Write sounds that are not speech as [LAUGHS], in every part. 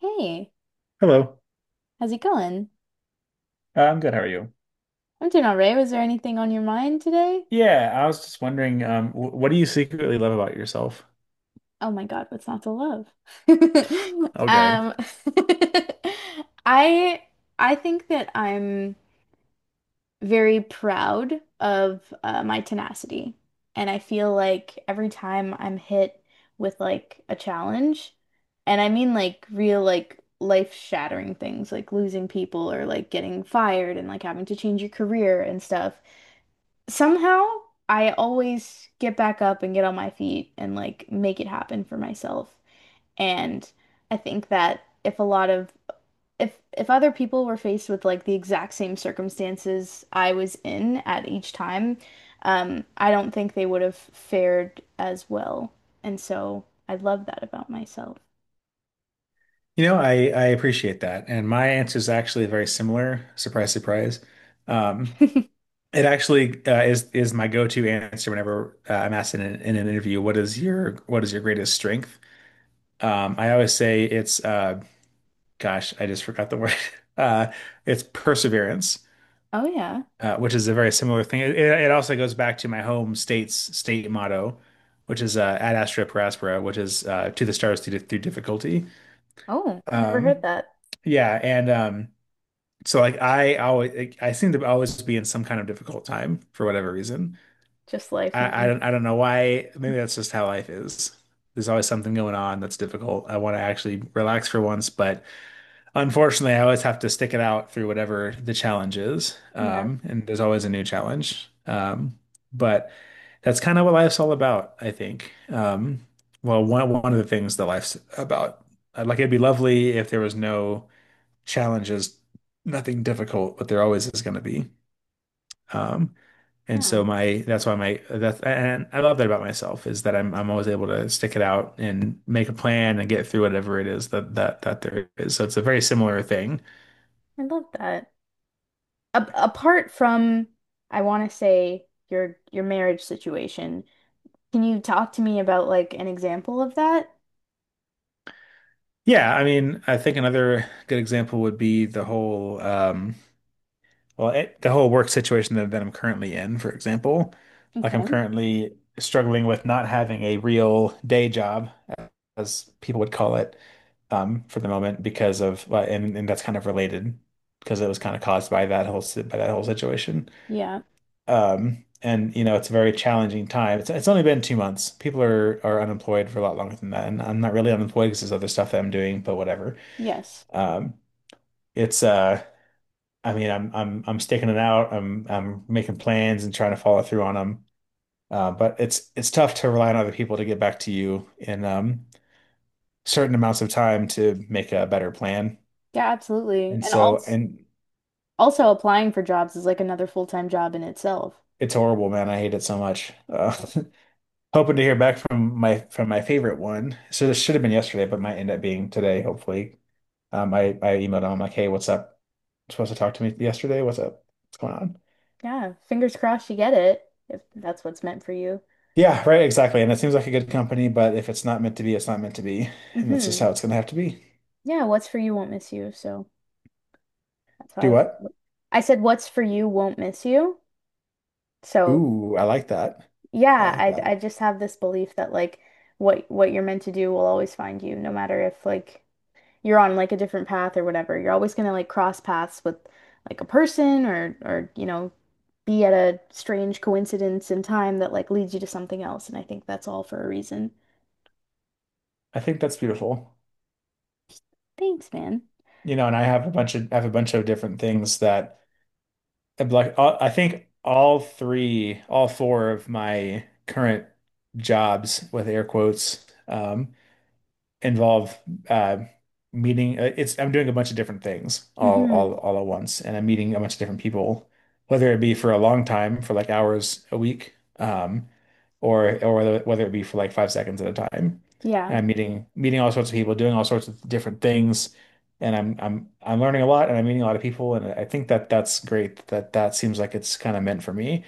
Hey, Hello. how's it going? I'm good. How are you? I'm doing all right. Was there anything on your mind today? Yeah, I was just wondering, what do you secretly love about yourself? Oh my God, what's not to love? [LAUGHS] Okay. Um, [LAUGHS] I I think that I'm very proud of my tenacity, and I feel like every time I'm hit with like a challenge, and I mean like real like life-shattering things, like losing people or like getting fired and like having to change your career and stuff. Somehow, I always get back up and get on my feet and like make it happen for myself. And I think that if a lot of if other people were faced with like the exact same circumstances I was in at each time, I don't think they would have fared as well. And so I love that about myself. You know, I appreciate that, and my answer is actually very similar. Surprise, surprise. Um, [LAUGHS] it actually is my go-to answer whenever I'm asked in an interview, what is your greatest strength?" I always say it's gosh, I just forgot the word. [LAUGHS] Uh, it's perseverance. Oh yeah. Uh, which is a very similar thing. It also goes back to my home state's state motto, which is ad astra per aspera, which is to the stars through difficulty. Oh, I never heard Um, that. yeah, and so like I always like, I seem to always be in some kind of difficult time for whatever reason. Just life, I, I man. don't I don't know why. Maybe that's just how life is. There's always something going on that's difficult. I want to actually relax for once, but unfortunately, I always have to stick it out through whatever the challenge is. Yeah. And there's always a new challenge. But that's kind of what life's all about, I think. Well, one of the things that life's about. Like it'd be lovely if there was no challenges, nothing difficult, but there always is going to be. Um, and Yeah, so my that's why my that's and I love that about myself is that I'm always able to stick it out and make a plan and get through whatever it is that there is. So it's a very similar thing. I love that. A apart from, I want to say your marriage situation, can you talk to me about like an example of that? Yeah, I mean, I think another good example would be the whole, well, it, the whole work situation that I'm currently in, for example. Like I'm Okay. currently struggling with not having a real day job, as people would call it, for the moment because of, and that's kind of related because it was kind of caused by that by that whole situation. Yeah. It's a very challenging time. It's only been 2 months. People are unemployed for a lot longer than that. And I'm not really unemployed because there's other stuff that I'm doing, but whatever. Yes. Um, it's I mean I'm sticking it out. I'm making plans and trying to follow through on them. But it's tough to rely on other people to get back to you in certain amounts of time to make a better plan. Yeah, absolutely. And And so also and also applying for jobs is like another full-time job in itself. It's horrible, man. I hate it so much. Yeah. [LAUGHS] hoping to hear back from my favorite one. So this should have been yesterday, but might end up being today, hopefully. I emailed him like, hey, what's up? Supposed to talk to me yesterday? What's up? What's going on? Yeah, fingers crossed you get it if that's what's meant for you. Yeah, right, exactly. And it seems like a good company, but if it's not meant to be, it's not meant to be. And that's just Mm-hmm. how it's gonna have to be. Yeah, what's for you won't miss you. So that's Do how what? I I said what's for you won't miss you. So Ooh, I like that. I yeah, like I that. just have this belief that like what you're meant to do will always find you, no matter if like you're on like a different path or whatever. You're always gonna like cross paths with like a person or you know be at a strange coincidence in time that like leads you to something else. And I think that's all for a reason. I think that's beautiful. Thanks, man. You know, and I have a bunch of different things that I think all four of my current jobs with air quotes, involve uh, meeting. It's I'm doing a bunch of different things all all Hmm. all at once, and I'm meeting a bunch of different people, whether it be for a long time, for like hours a week, or whether it be for like 5 seconds at a time. Yeah. And I'm meeting all sorts of people, doing all sorts of different things, and I'm learning a lot, and I'm meeting a lot of people, and I think that that's great. That that seems like it's kind of meant for me.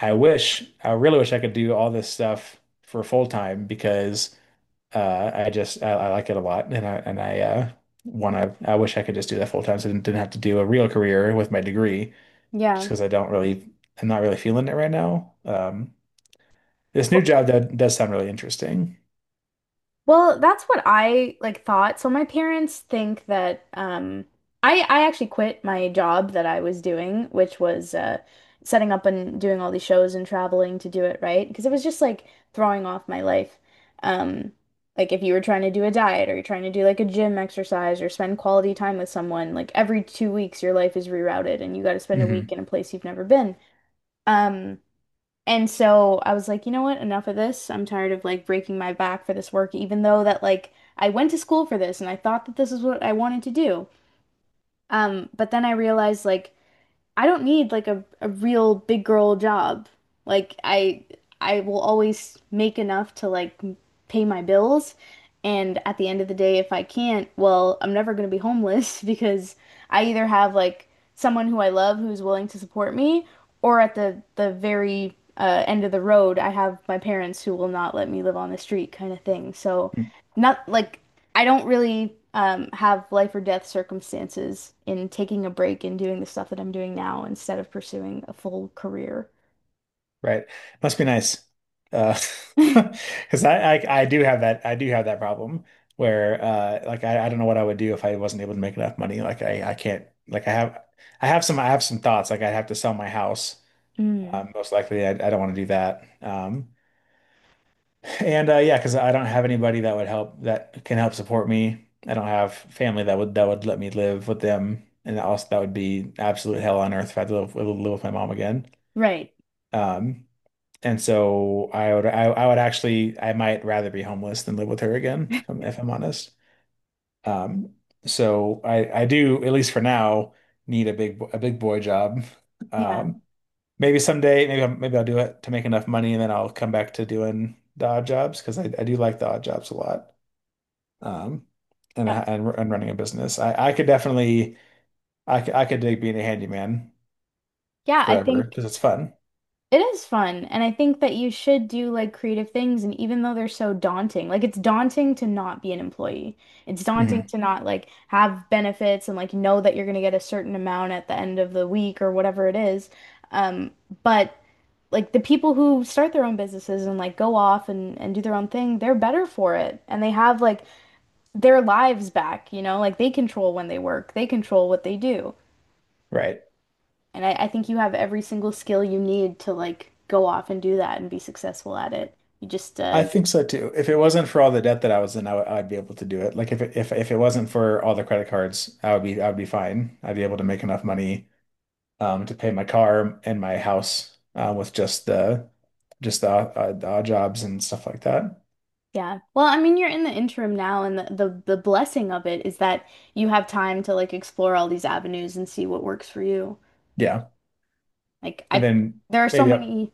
I Yeah. wish, I really wish I could do all this stuff for full time because. I like it a lot, and I want to. I wish I could just do that full time, so I didn't have to do a real career with my degree, just Yeah. because I'm not really feeling it right now. This new Well, job that does sound really interesting. Well, that's what I like thought. So my parents think that I actually quit my job that I was doing, which was setting up and doing all these shows and traveling to do it, right? Because it was just like throwing off my life. Um like if you were trying to do a diet or you're trying to do like a gym exercise or spend quality time with someone, like every 2 weeks your life is rerouted and you got to spend a week Mhm. in a place you've never been. Um and so I was like, you know what? Enough of this. I'm tired of like breaking my back for this work, even though that like I went to school for this and I thought that this is what I wanted to do. But then I realized like I don't need like a real big girl job. Like I will always make enough to like pay my bills. And at the end of the day, if I can't, well, I'm never going to be homeless [LAUGHS] because I either have like someone who I love who's willing to support me, or at the very end of the road, I have my parents who will not let me live on the street kind of thing. So not like I don't really have life or death circumstances in taking a break and doing the stuff that I'm doing now instead of pursuing a full career. Right. Must be nice. Uh, [LAUGHS] because I do have that problem where I don't know what I would do if I wasn't able to make enough money. Like I can't like I have I have some thoughts like I'd have to sell my house. Mm, Most likely I don't want to do that. And yeah, because I don't have anybody that would help that can help support me. I don't have family that would let me live with them, and also that would be absolute hell on earth if I had to live with my mom again. right. Um, and so I would I would actually I might rather be homeless than live with her again, if I'm honest. Um, so I do at least for now need a a big boy job. Yeah. Um, maybe someday maybe I'll do it to make enough money and then I'll come back to doing the odd jobs because I do like the odd jobs a lot. Um, and Yep. Running a business, I could definitely I could dig being a handyman Yeah, I forever think because it's fun. it is fun. And I think that you should do like creative things. And even though they're so daunting, like it's daunting to not be an employee, it's daunting Hmm. to not like have benefits and like know that you're going to get a certain amount at the end of the week or whatever it is. Um, but like the people who start their own businesses and like go off and do their own thing, they're better for it and they have like their lives back, you know? Like they control when they work, they control what they do. Right. And I think you have every single skill you need to like go off and do that and be successful at it. You just I think so too. If it wasn't for all the debt that I was in, I'd be able to do it. Like if it wasn't for all the credit cards, I would be fine. I'd be able to make enough money to pay my car and my house with just the the odd jobs and stuff like that. yeah. Well, I mean, you're in the interim now and the the blessing of it is that you have time to like explore all these avenues and see what works for you. Yeah, Like and I then there are so yeah maybe up. many.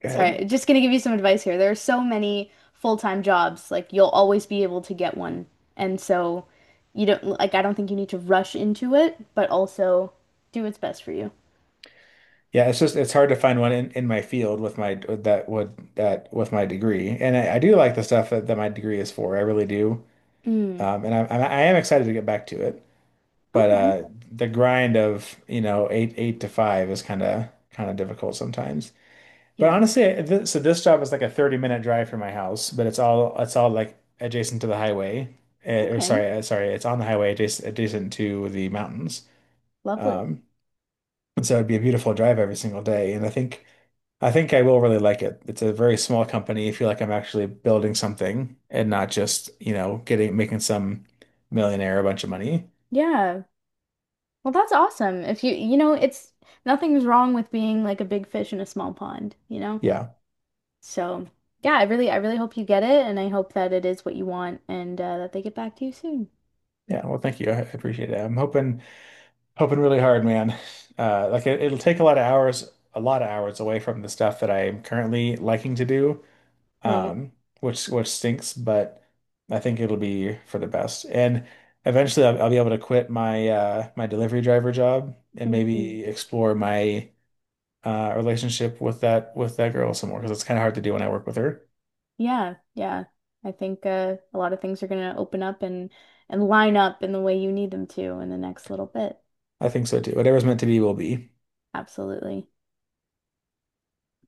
Go ahead. Sorry, just gonna give you some advice here. There are so many full-time jobs, like you'll always be able to get one. And so you don't like I don't think you need to rush into it, but also do what's best for you. Yeah, it's just it's hard to find one in my field with my with that would that with my degree, and I do like the stuff that my degree is for. I really do, Mm. And I am excited to get back to it. But Okay. The grind of you know eight to five is kind of difficult sometimes. But Yeah. honestly, I- th so this job is like a 30-minute drive from my house, but it's all like adjacent to the highway. Eh, or Okay. sorry sorry it's on the highway adjacent to the mountains. Lovely. Um, and so it'd be a beautiful drive every single day, and I think. I think I will really like it. It's a very small company. I feel like I'm actually building something and not just, you know, getting making some millionaire a bunch of money. Yeah, well, that's awesome. If you you know, it's nothing's wrong with being like a big fish in a small pond, you know? Yeah. So, yeah, I really hope you get it and I hope that it is what you want and that they get back to you soon. Yeah. Well, thank you. I appreciate it. I'm hoping really hard, man. Like it'll take a lot of hours, a lot of hours away from the stuff that I am currently liking to do. Right. Um, which stinks, but I think it'll be for the best. And eventually, I'll be able to quit my my delivery driver job and Mhm. maybe explore my relationship with that girl some more because it's kind of hard to do when I work with her. Yeah, yeah. I think a lot of things are going to open up and line up in the way you need them to in the next little bit. I think so too. Whatever's meant to be will be. Absolutely.